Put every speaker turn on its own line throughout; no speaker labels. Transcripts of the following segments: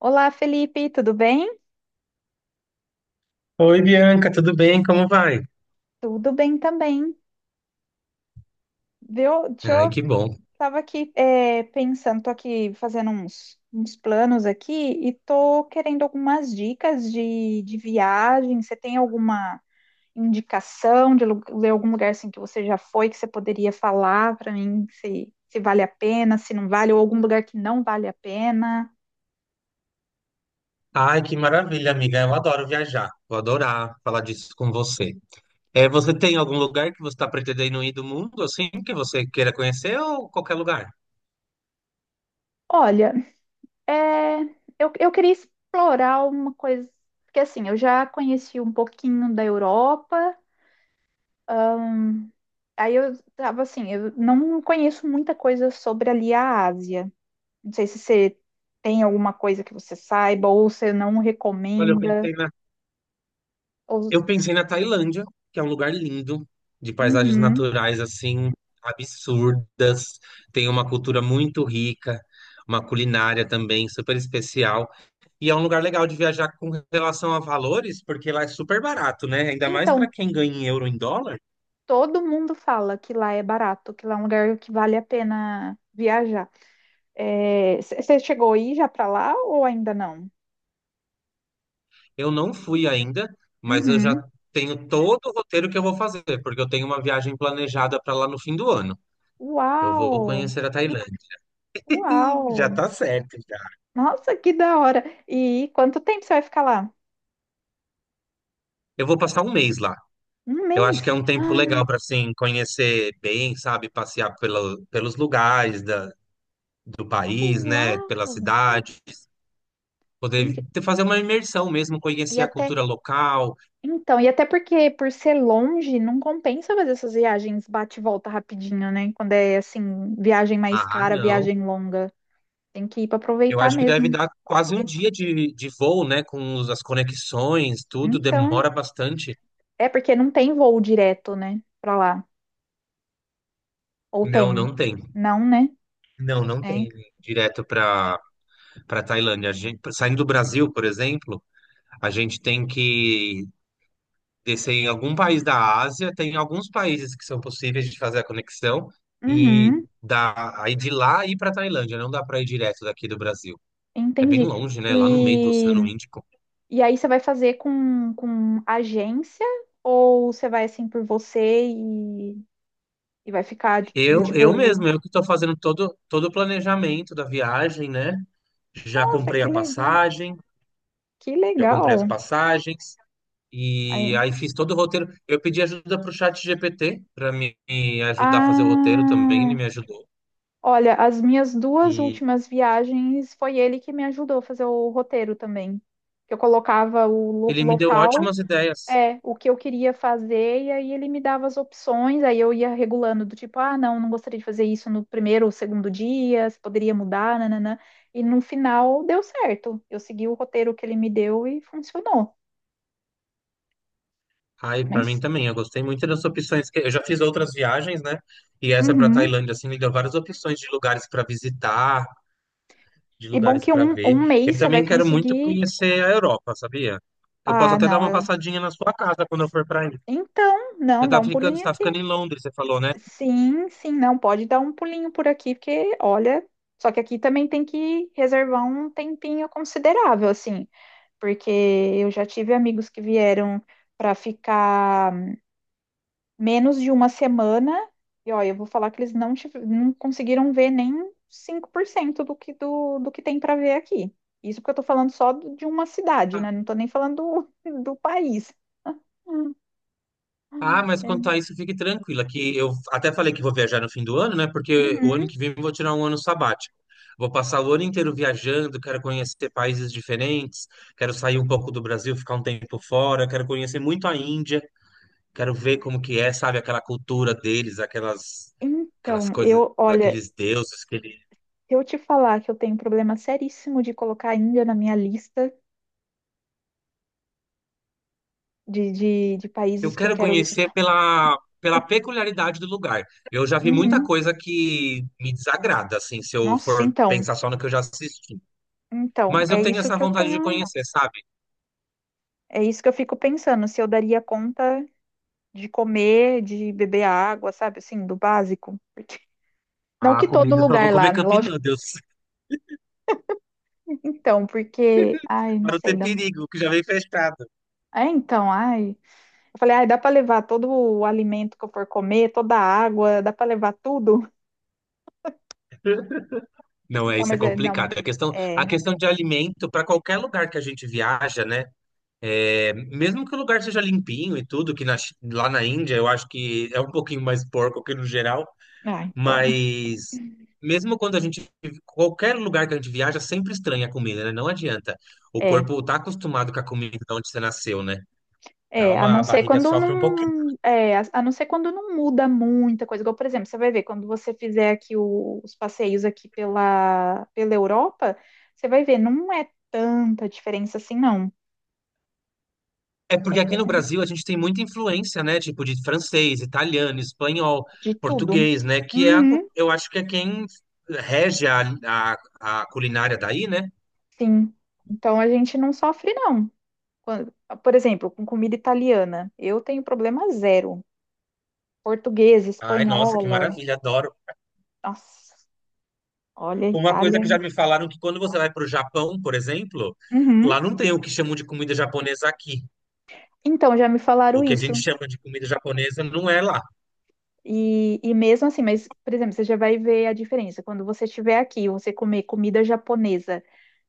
Olá, Felipe, tudo bem?
Oi, Bianca, tudo bem? Como vai?
Tudo bem também, viu? Deixa.
Ai,
Eu
que bom.
tava aqui, pensando, tô aqui fazendo uns planos aqui e tô querendo algumas dicas de viagem. Você tem alguma indicação de algum lugar assim que você já foi que você poderia falar para mim se vale a pena, se não vale, ou algum lugar que não vale a pena?
Ai, que maravilha, amiga. Eu adoro viajar. Vou adorar falar disso com você. É, você tem algum lugar que você está pretendendo ir do mundo, assim, que você queira conhecer ou qualquer lugar?
Olha, é, eu queria explorar uma coisa, porque assim, eu já conheci um pouquinho da Europa. Ahn, aí eu tava assim, eu não conheço muita coisa sobre ali a Ásia. Não sei se você tem alguma coisa que você saiba, ou você não
Olha, eu
recomenda.
pensei na,
Ou...
Eu pensei na Tailândia, que é um lugar lindo, de paisagens
Uhum.
naturais, assim, absurdas. Tem uma cultura muito rica, uma culinária também super especial. E é um lugar legal de viajar com relação a valores, porque lá é super barato, né? Ainda mais para
Então,
quem ganha em euro em dólar.
todo mundo fala que lá é barato, que lá é um lugar que vale a pena viajar. É, você chegou aí já pra lá ou ainda não?
Eu não fui ainda, mas eu já
Uhum.
tenho todo o roteiro que eu vou fazer, porque eu tenho uma viagem planejada para lá no fim do ano. Eu vou
Uau!
conhecer a Tailândia. Já
Uau!
tá certo, já.
Nossa, que da hora! E quanto tempo você vai ficar lá?
Eu vou passar um mês lá.
Um
Eu acho que é
mês?
um tempo legal para assim conhecer bem, sabe, passear pelos lugares do
Ah,
país, né, pela
uau!
cidade,
Gente,
poder ter- fazer uma imersão mesmo,
e
conhecer a
até.
cultura local.
Então, e até porque por ser longe, não compensa fazer essas viagens bate e volta rapidinho, né? Quando é assim, viagem mais
Ah,
cara,
não.
viagem longa. Tem que ir para
Eu
aproveitar
acho que deve
mesmo.
dar quase um dia de voo, né? Com os- as conexões, tudo
Então,
demora bastante.
é porque não tem voo direto, né? Para lá. Ou
Não,
tem?
não tem.
Não, né?
Não, não
É.
tem direto para Tailândia. A gente, saindo do Brasil, por exemplo, a gente tem que descer em algum país da Ásia. Tem alguns países que são possíveis de fazer a conexão e
Uhum,
dá, aí de lá ir para Tailândia. Não dá para ir direto daqui do Brasil. É bem
entendi.
longe, né? Lá no meio do
E,
Oceano Índico.
e aí você vai fazer com agência ou você vai assim por você e vai ficar do
Eu
tipo,
mesmo, eu que estou fazendo todo o planejamento da viagem, né? Já
nossa,
comprei
que
a
legal.
passagem,
Que
já comprei as
legal.
passagens, e
Aí-
aí fiz todo o roteiro. Eu pedi ajuda para o chat GPT para me ajudar a fazer o roteiro também, ele
Ah,
me ajudou.
olha, as minhas duas
E
últimas viagens foi ele que me ajudou a fazer o roteiro também. Eu colocava o
ele me deu
local,
ótimas ideias.
o que eu queria fazer, e aí ele me dava as opções, aí eu ia regulando do tipo, ah, não, não gostaria de fazer isso no primeiro ou segundo dia, se poderia mudar, nananã. E no final deu certo. Eu segui o roteiro que ele me deu e funcionou.
Aí, para mim
Mas,
também, eu gostei muito das opções. Eu já fiz outras viagens, né? E essa para
uhum.
Tailândia, assim, me deu várias opções de lugares para visitar, de
E bom
lugares
que
para
um,
ver.
um
Eu
mês você vai
também quero muito
conseguir.
conhecer a Europa, sabia? Eu posso
Ah,
até dar uma
não.
passadinha na sua casa quando eu for para aí.
Então, não, dá um
Você
pulinho
tá ficando
aqui.
em Londres, você falou, né?
Sim, sim, não, pode dar um pulinho por aqui, porque, olha, só que aqui também tem que reservar um tempinho considerável, assim, porque eu já tive amigos que vieram para ficar menos de uma semana, e olha, eu vou falar que eles não, não conseguiram ver nem 5% do que tem para ver aqui. Isso porque eu tô falando só de uma cidade,
Ah,
né? Não tô nem falando do país. Hum,
ah, mas quanto
é.
a isso, fique tranquila, que eu até falei que vou viajar no fim do ano, né? Porque o ano
Uhum.
que vem eu vou tirar um ano sabático. Vou passar o ano inteiro viajando, quero conhecer países diferentes, quero sair um pouco do Brasil, ficar um tempo fora, quero conhecer muito a Índia, quero ver como que é, sabe, aquela cultura deles, aquelas
Então,
coisas,
eu, olha,
aqueles deuses que eles...
se eu te falar que eu tenho um problema seríssimo de colocar a Índia na minha lista de
Eu
países que eu
quero
quero
conhecer
visitar.
pela peculiaridade do lugar. Eu já vi muita
Uhum.
coisa que me desagrada, assim, se eu
Nossa,
for
então,
pensar só no que eu já assisti. Mas eu
é
tenho
isso
essa
que eu
vontade de
tenho,
conhecer, sabe?
é isso que eu fico pensando, se eu daria conta de comer, de beber água, sabe, assim, do básico. Não
A
que todo
comida eu só vou
lugar lá,
comer Campinas,
lógico.
meu Deus,
Então, porque, ai, não
para não
sei,
ter
dá... um,
perigo, que já vem fechado.
é, então, ai, eu falei, ai, dá para levar todo o alimento que eu for comer, toda a água, dá para levar tudo?
Não, é
Não,
isso, é
mas é, não.
complicado. A questão, a
É.
questão de alimento, para qualquer lugar que a gente viaja, né? É, mesmo que o lugar seja limpinho e tudo, que lá na Índia eu acho que é um pouquinho mais porco que no geral.
Ah, então.
Mas mesmo quando a gente, qualquer lugar que a gente viaja, sempre estranha a comida, né? Não adianta. O
É.
corpo tá acostumado com a comida de onde você nasceu, né? Dá
É, a
uma
não
a
ser
barriga
quando
sofre um pouquinho.
não. É, a não ser quando não muda muita coisa. Igual, por exemplo, você vai ver, quando você fizer aqui os passeios aqui pela Europa, você vai ver, não é tanta diferença assim, não.
É porque aqui no Brasil a gente tem muita influência, né? Tipo de francês, italiano, espanhol,
De tudo.
português, né? Que é,
Uhum,
eu acho que é quem rege a culinária daí, né?
sim. Então a gente não sofre, não. Quando- por exemplo, com comida italiana, eu tenho problema zero. Portuguesa,
Ai, nossa, que
espanhola.
maravilha, adoro.
Nossa, olha, a
Uma coisa que
Itália.
já me falaram, que quando você vai para o Japão, por exemplo,
Uhum.
lá não tem o que chamam de comida japonesa aqui.
Então, já me falaram
O que a gente
isso.
chama de comida japonesa não é lá.
E mesmo assim, mas, por exemplo, você já vai ver a diferença. Quando você estiver aqui, e você comer comida japonesa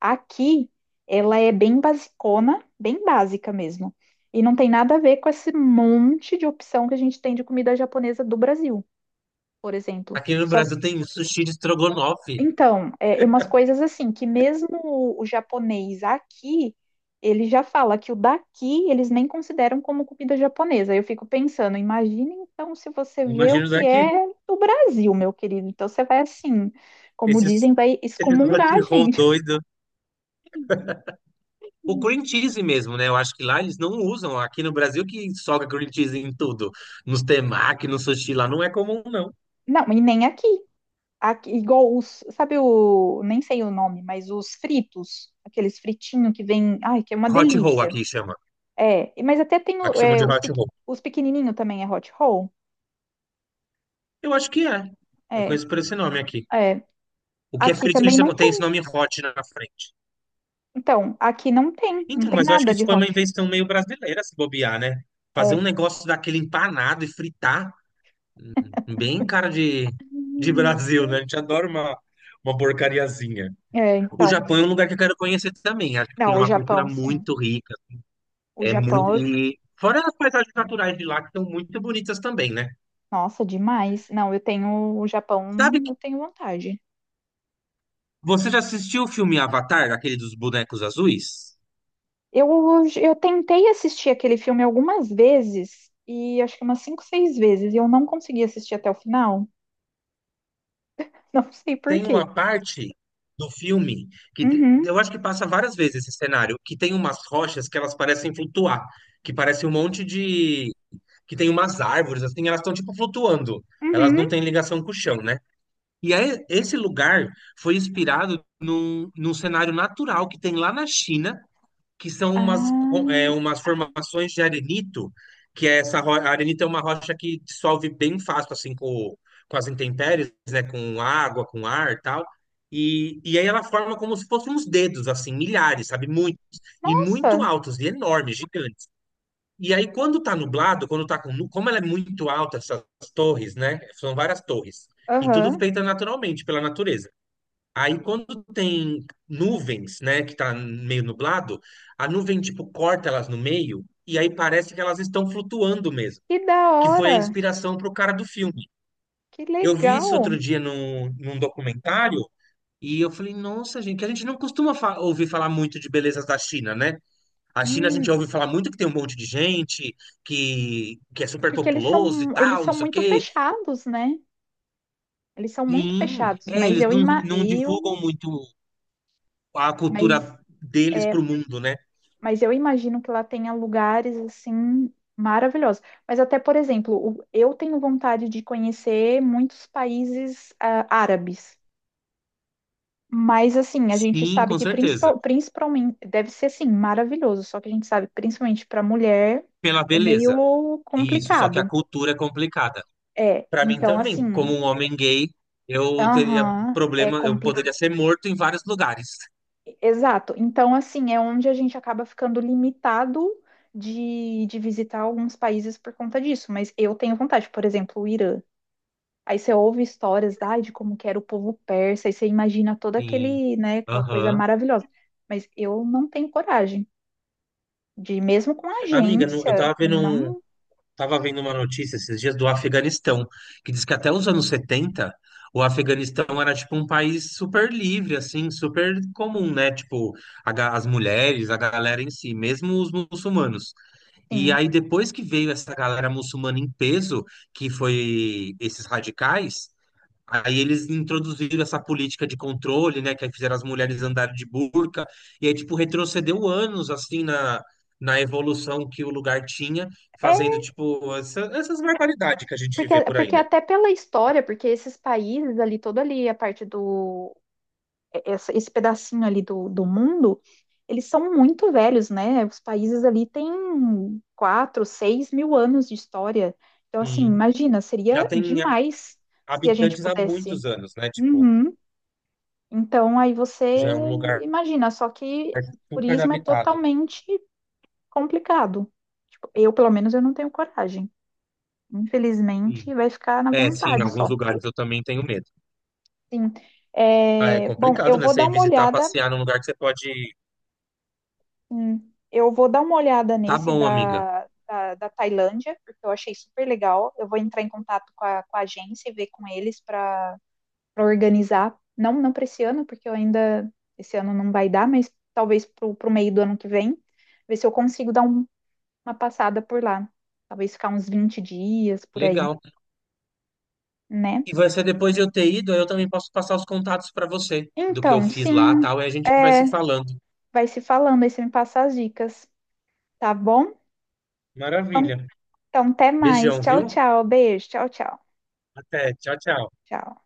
aqui, ela é bem basicona, bem básica mesmo. E não tem nada a ver com esse monte de opção que a gente tem de comida japonesa do Brasil, por exemplo.
Aqui no
Só
Brasil tem sushi de estrogonofe.
então, é umas coisas assim, que mesmo o japonês aqui, ele já fala que o daqui eles nem consideram como comida japonesa. Eu fico pensando, imagina então se você vê o
Imagina
que
daqui.
é do Brasil, meu querido. Então você vai assim, como
Esses,
dizem, vai
esses hot
excomungar a
roll
gente.
doido. O cream cheese mesmo, né? Eu acho que lá eles não usam. Aqui no Brasil que soca cream cheese em tudo. Nos temaki, no sushi lá não é comum, não.
Não, e nem aqui. Aqui, igual os, sabe o, nem sei o nome, mas os fritos, aqueles fritinhos que vem, ai, que é uma
Hot roll
delícia.
aqui chama.
É, mas até tem
Aqui chamam de hot roll.
os pequenininhos também é hot roll.
Eu acho que é. Eu
É,
conheço por esse nome aqui.
é.
O que é
Aqui
frito, eles
também
chamam,
não
tem esse
tem.
nome hot na frente.
Então, aqui não tem,
Então, mas eu acho que
nada
isso
de
foi uma
hot.
invenção meio brasileira, se bobear, né? Fazer
É.
um negócio daquele empanado e fritar. Bem cara de Brasil,
Hum.
né? A gente adora uma porcariazinha.
É,
O
então.
Japão é um lugar que eu quero conhecer também. Acho que tem
Não, o
uma cultura
Japão, sim.
muito rica.
O
É muito.
Japão,
E fora as paisagens naturais de lá, que são muito bonitas também, né?
nossa, demais. Não, eu tenho o
Sabe
Japão,
que,
eu tenho vontade.
você já assistiu o filme Avatar, aquele dos bonecos azuis?
Eu, eu tentei assistir aquele filme algumas vezes, e acho que umas cinco, seis vezes, e eu não consegui assistir até o final. Não sei por
Tem
quê.
uma parte do filme que
Uhum,
eu acho que passa várias vezes esse cenário, que tem umas rochas que elas parecem flutuar, que parece um monte de que tem umas árvores, assim, elas estão tipo flutuando. Elas
uhum.
não têm ligação com o chão, né? E aí, esse lugar foi inspirado num cenário natural que tem lá na China, que são
Ah,
umas formações de arenito, que é a arenito é uma rocha que dissolve bem fácil, assim, com as intempéries, né? Com água, com ar e tal. E aí ela forma como se fossem uns dedos, assim, milhares, sabe? Muitos. E muito
nossa,
altos, e enormes, gigantes. E aí, quando tá nublado, quando tá com, como ela é muito alta, essas torres, né? São várias torres. E tudo
aham.
feita naturalmente, pela natureza. Aí, quando tem nuvens, né? Que tá meio nublado, a nuvem, tipo, corta elas no meio. E aí parece que elas estão flutuando mesmo.
Que da
Que foi a
hora,
inspiração pro cara do filme.
que
Eu vi isso
legal.
outro dia num documentário. E eu falei, nossa, gente, que a gente não costuma ouvir falar muito de belezas da China, né? A China a gente
Hum,
ouve falar muito que tem um monte de gente, que é super
porque eles
populoso e
são, eles
tal, não
são
sei o
muito
quê.
fechados, né? Eles são muito
Sim,
fechados,
é,
mas
eles não, não
eu,
divulgam muito a
mas,
cultura deles
é,
pro mundo, né?
mas eu imagino que lá tenha lugares assim maravilhosos. Mas até, por exemplo, eu tenho vontade de conhecer muitos países árabes. Mas assim, a gente
Sim,
sabe
com
que
certeza.
principalmente deve ser assim maravilhoso, só que a gente sabe que principalmente para mulher
Pela
é
beleza.
meio
Isso, só que a
complicado.
cultura é complicada.
É,
Para mim
então
também, como
assim,
um homem gay, eu teria
aham, é
problema, eu poderia
complicado.
ser morto em vários lugares.
Exato. Então, assim, é onde a gente acaba ficando limitado de visitar alguns países por conta disso. Mas eu tenho vontade, por exemplo, o Irã. Aí você ouve histórias, ai, de como que era o povo persa, aí você imagina todo
Sim.
aquele, né, aquela coisa
Aham.
maravilhosa. Mas eu não tenho coragem de, mesmo com a
Amiga, não- eu
agência,
tava vendo um,
não,
estava vendo uma notícia esses dias do Afeganistão, que diz que até os anos 70 o Afeganistão era tipo um país super livre, assim, super comum, né? Tipo, as mulheres, a galera em si, mesmo os muçulmanos. E
sim.
aí, depois que veio essa galera muçulmana em peso, que foi esses radicais, aí eles introduziram essa política de controle, né, que aí fizeram as mulheres andarem de burca, e aí, tipo, retrocedeu anos, assim, na evolução que o lugar tinha,
É,
fazendo, tipo, essas barbaridades que a gente
porque,
vê por aí,
porque
né?
até pela história, porque esses países ali, toda ali a parte do esse pedacinho ali do mundo, eles são muito velhos, né? Os países ali têm 4, 6 mil anos de história. Então, assim,
E
imagina,
já
seria
tem
demais se a gente
habitantes há
pudesse.
muitos anos, né? Tipo,
Uhum. Então, aí você
já é um lugar
imagina, só que
super
turismo é
habitado.
totalmente complicado. Tipo, eu, pelo menos, eu não tenho coragem.
Sim.
Infelizmente, vai ficar na
É, sim, em
vontade
alguns
só.
lugares eu também tenho medo.
Sim.
Ah, é
É, bom,
complicado, né? Você ir visitar, passear num lugar que você pode...
Eu vou dar uma olhada
Tá
nesse
bom, amiga.
da, da, da Tailândia, porque eu achei super legal. Eu vou entrar em contato com a agência e ver com eles para organizar. Não, não para esse ano, porque eu ainda esse ano não vai dar, mas talvez para o meio do ano que vem, ver se eu consigo dar uma passada por lá. Talvez ficar uns 20 dias por aí,
Legal.
né?
E vai ser depois de eu ter ido, aí eu também posso passar os contatos para você do que eu
Então,
fiz lá,
sim,
tal, e a gente vai
é,
se falando.
vai se falando aí, você me passa as dicas, tá bom? Então,
Maravilha.
então, até mais.
Beijão,
Tchau,
viu?
tchau. Beijo. Tchau, tchau.
Até. Tchau, tchau.
Tchau.